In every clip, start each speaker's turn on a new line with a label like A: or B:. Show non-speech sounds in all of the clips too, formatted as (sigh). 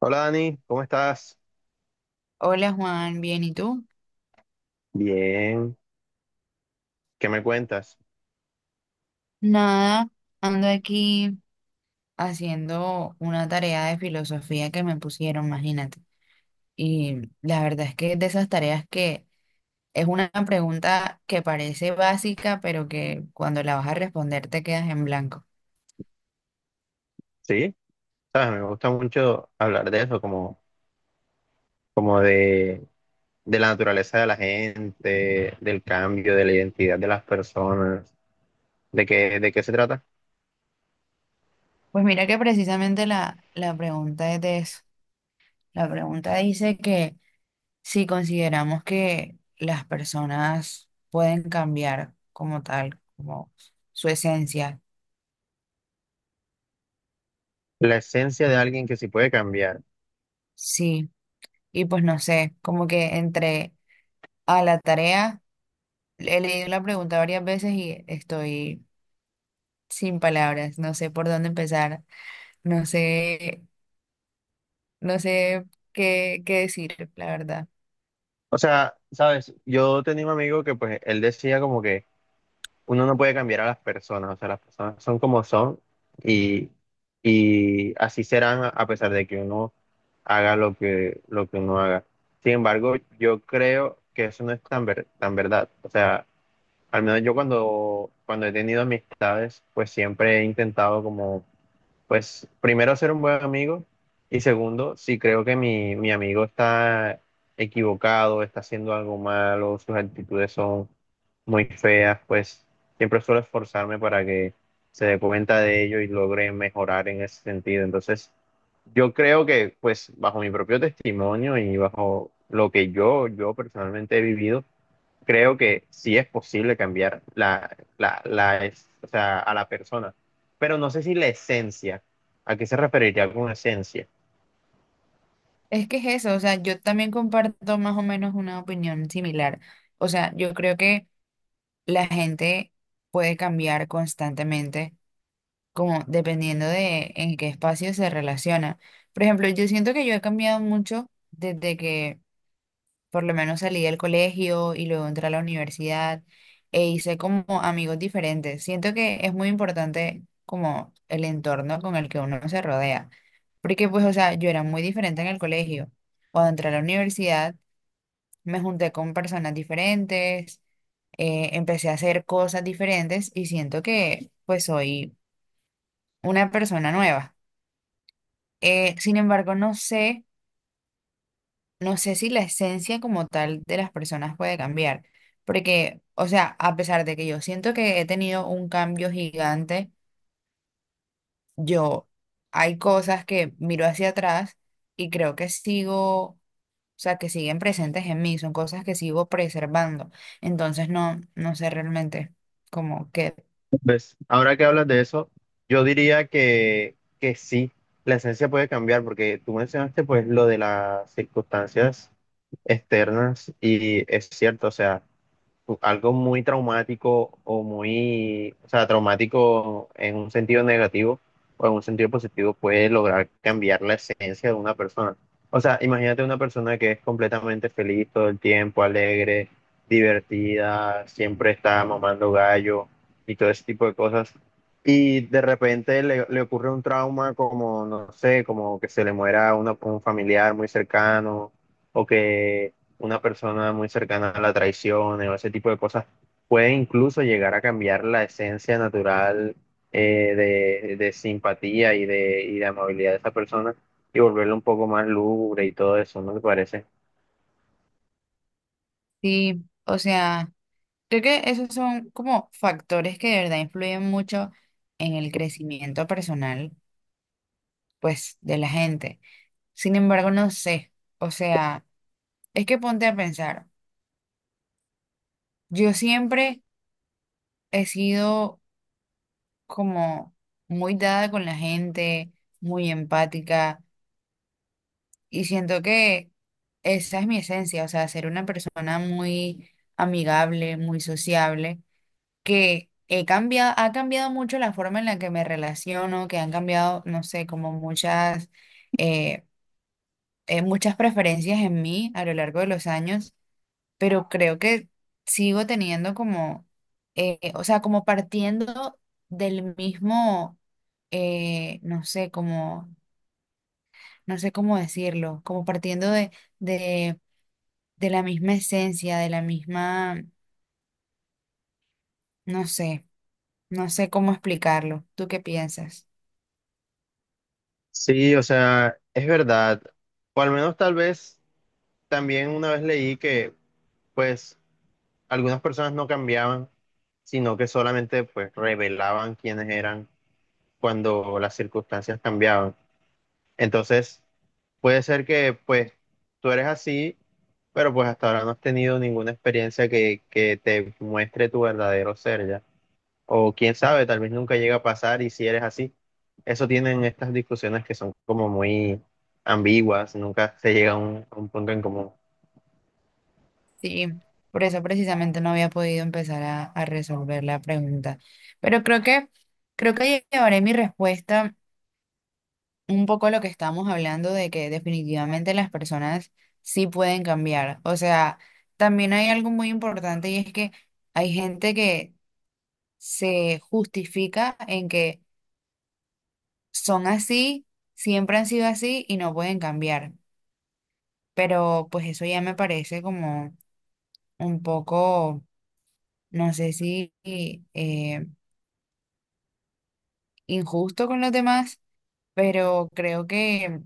A: Hola Dani, ¿cómo estás?
B: Hola Juan, bien, ¿y tú?
A: Bien, ¿qué me cuentas?
B: Nada, ando aquí haciendo una tarea de filosofía que me pusieron, imagínate. Y la verdad es que es de esas tareas que es una pregunta que parece básica, pero que cuando la vas a responder te quedas en blanco.
A: Sí, sabes, me gusta mucho hablar de eso, como de la naturaleza de la gente, del cambio, de la identidad de las personas, de qué se trata,
B: Pues mira que precisamente la pregunta es de eso. La pregunta dice que si consideramos que las personas pueden cambiar como tal, como su esencia.
A: la esencia de alguien que sí puede cambiar.
B: Sí. Y pues no sé, como que entre a la tarea, he leído la pregunta varias veces y estoy sin palabras, no sé por dónde empezar, no sé, no sé qué decir, la verdad.
A: O sea, sabes, yo tenía un amigo que pues él decía como que uno no puede cambiar a las personas, o sea, las personas son como son y, y así serán a pesar de que uno haga lo que uno haga. Sin embargo, yo creo que eso no es tan verdad. O sea, al menos yo cuando he tenido amistades, pues siempre he intentado como pues primero ser un buen amigo y segundo, si creo que mi amigo está equivocado, está haciendo algo malo, sus actitudes son muy feas, pues siempre suelo esforzarme para que se dé cuenta de ello y logre mejorar en ese sentido. Entonces, yo creo que pues bajo mi propio testimonio y bajo lo que yo personalmente he vivido, creo que sí es posible cambiar o sea, a la persona, pero no sé si la esencia, ¿a qué se referiría con esencia?
B: Es que es eso, o sea, yo también comparto más o menos una opinión similar. O sea, yo creo que la gente puede cambiar constantemente, como dependiendo de en qué espacio se relaciona. Por ejemplo, yo siento que yo he cambiado mucho desde que por lo menos salí del colegio y luego entré a la universidad e hice como amigos diferentes. Siento que es muy importante como el entorno con el que uno se rodea, porque pues, o sea, yo era muy diferente en el colegio. Cuando entré a la universidad, me junté con personas diferentes, empecé a hacer cosas diferentes y siento que pues soy una persona nueva. Sin embargo, no sé. No sé si la esencia como tal de las personas puede cambiar, porque, o sea, a pesar de que yo siento que he tenido un cambio gigante, yo hay cosas que miro hacia atrás y creo que sigo, o sea, que siguen presentes en mí, son cosas que sigo preservando. Entonces, no, no sé realmente como que
A: Pues ahora que hablas de eso, yo diría que sí, la esencia puede cambiar, porque tú mencionaste pues lo de las circunstancias externas y es cierto, o sea, algo muy traumático o traumático en un sentido negativo o en un sentido positivo puede lograr cambiar la esencia de una persona. O sea, imagínate una persona que es completamente feliz todo el tiempo, alegre, divertida, siempre está mamando gallo y todo ese tipo de cosas. Y de repente le ocurre un trauma como, no sé, como que se le muera un familiar muy cercano o que una persona muy cercana a la traición o ese tipo de cosas, puede incluso llegar a cambiar la esencia natural eh, de simpatía y de amabilidad de esa persona y volverlo un poco más lúgubre y todo eso, ¿no te parece?
B: sí, o sea, creo que esos son como factores que de verdad influyen mucho en el crecimiento personal, pues, de la gente. Sin embargo, no sé. O sea, es que ponte a pensar. Yo siempre he sido como muy dada con la gente, muy empática, y siento que esa es mi esencia, o sea, ser una persona muy amigable, muy sociable, que he cambiado, ha cambiado mucho la forma en la que me relaciono, que han cambiado, no sé, como muchas, eh, muchas preferencias en mí a lo largo de los años. Pero creo que sigo teniendo como, o sea, como partiendo del mismo, no sé, como, no sé cómo decirlo, como partiendo de, de la misma esencia, de la misma, no sé, no sé cómo explicarlo. ¿Tú qué piensas?
A: Sí, o sea, es verdad. O al menos tal vez también una vez leí que pues algunas personas no cambiaban, sino que solamente pues revelaban quiénes eran cuando las circunstancias cambiaban. Entonces, puede ser que pues tú eres así, pero pues hasta ahora no has tenido ninguna experiencia que te muestre tu verdadero ser ya. O quién sabe, tal vez nunca llega a pasar y si eres así. Eso tienen estas discusiones que son como muy ambiguas, nunca se llega a a un punto en común.
B: Sí, por eso precisamente no había podido empezar a resolver la pregunta, pero creo que llevaré mi respuesta un poco lo que estamos hablando de que definitivamente las personas sí pueden cambiar. O sea, también hay algo muy importante y es que hay gente que se justifica en que son así, siempre han sido así y no pueden cambiar. Pero pues eso ya me parece como un poco, no sé si eh, injusto con los demás, pero creo que...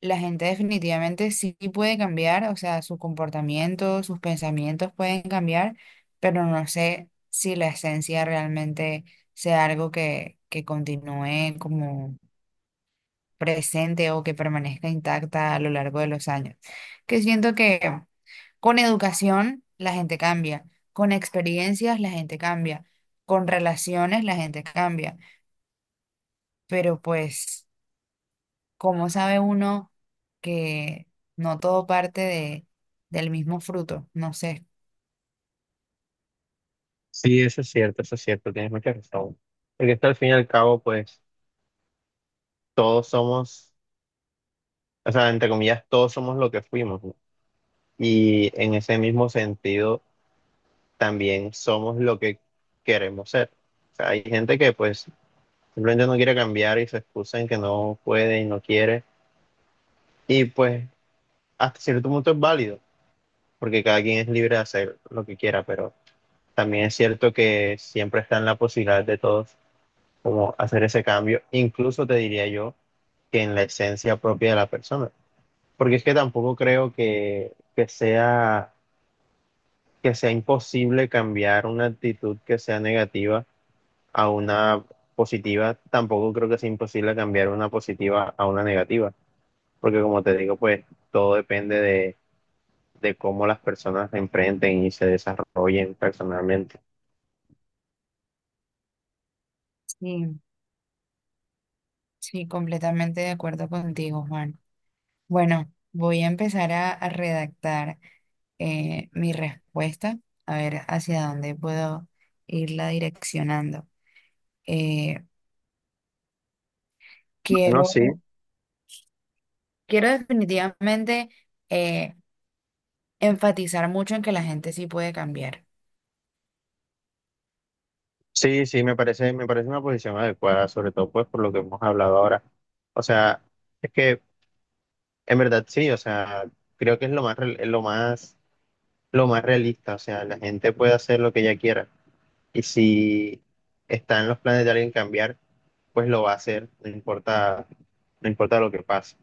B: La gente definitivamente sí puede cambiar, o sea, su comportamiento, sus pensamientos pueden cambiar, pero no sé si la esencia realmente sea algo que continúe como presente o que permanezca intacta a lo largo de los años. Que siento que con educación la gente cambia, con experiencias la gente cambia, con relaciones la gente cambia, pero pues... ¿Cómo sabe uno que no todo parte de, del mismo fruto? No sé.
A: Sí, eso es cierto, tienes mucha razón. Porque esto al fin y al cabo, pues todos somos, o sea, entre comillas, todos somos lo que fuimos, ¿no? Y en ese mismo sentido también somos lo que queremos ser. O sea, hay gente que pues simplemente no quiere cambiar y se excusa en que no puede y no quiere. Y pues hasta cierto punto es válido, porque cada quien es libre de hacer lo que quiera, pero también es cierto que siempre está en la posibilidad de todos como hacer ese cambio, incluso te diría yo que en la esencia propia de la persona. Porque es que tampoco creo que sea imposible cambiar una actitud que sea negativa a una positiva, tampoco creo que sea imposible cambiar una positiva a una negativa, porque como te digo, pues todo depende de cómo las personas se enfrenten y se desarrollen personalmente.
B: Sí, sí, completamente de acuerdo contigo, Juan. Bueno, voy a empezar a redactar mi respuesta, a ver hacia dónde puedo irla direccionando. Eh,
A: No, sí,
B: quiero, quiero definitivamente eh, enfatizar mucho en que la gente sí puede cambiar.
A: sí, me parece una posición adecuada, sobre todo pues por lo que hemos hablado ahora. O sea, es que en verdad sí, o sea, creo que es lo más realista, o sea, la gente puede hacer lo que ella quiera y si está en los planes de alguien cambiar pues lo va a hacer, no importa, no importa lo que pase.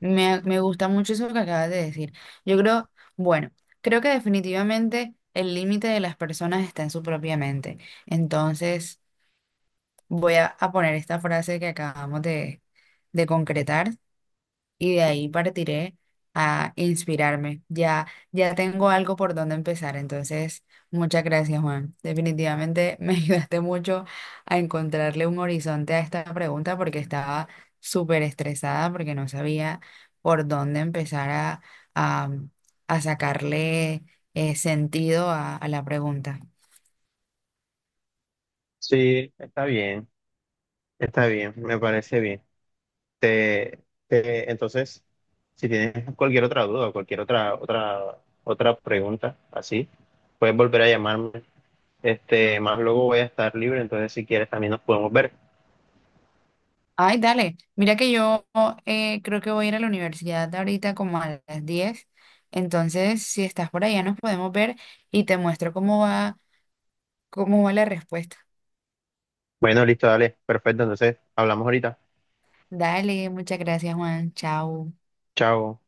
B: Me gusta mucho eso que acabas de decir. Yo creo, bueno, creo que definitivamente el límite de las personas está en su propia mente. Entonces, voy a poner esta frase que acabamos de concretar y de ahí partiré a inspirarme. Ya, ya tengo algo por donde empezar, entonces muchas gracias, Juan. Definitivamente me (laughs) ayudaste mucho a encontrarle un horizonte a esta pregunta porque estaba súper estresada porque no sabía por dónde empezar a, a sacarle sentido a la pregunta.
A: Sí, está bien, me parece bien. Te, entonces, si tienes cualquier otra duda, o cualquier otra pregunta, así, puedes volver a llamarme. Este, más luego voy a estar libre, entonces si quieres también nos podemos ver.
B: Ay, dale. Mira que yo creo que voy a ir a la universidad ahorita como a las 10. Entonces, si estás por allá, nos podemos ver y te muestro cómo va la respuesta.
A: Bueno, listo, dale, perfecto, entonces hablamos ahorita.
B: Dale, muchas gracias, Juan. Chao.
A: Chao.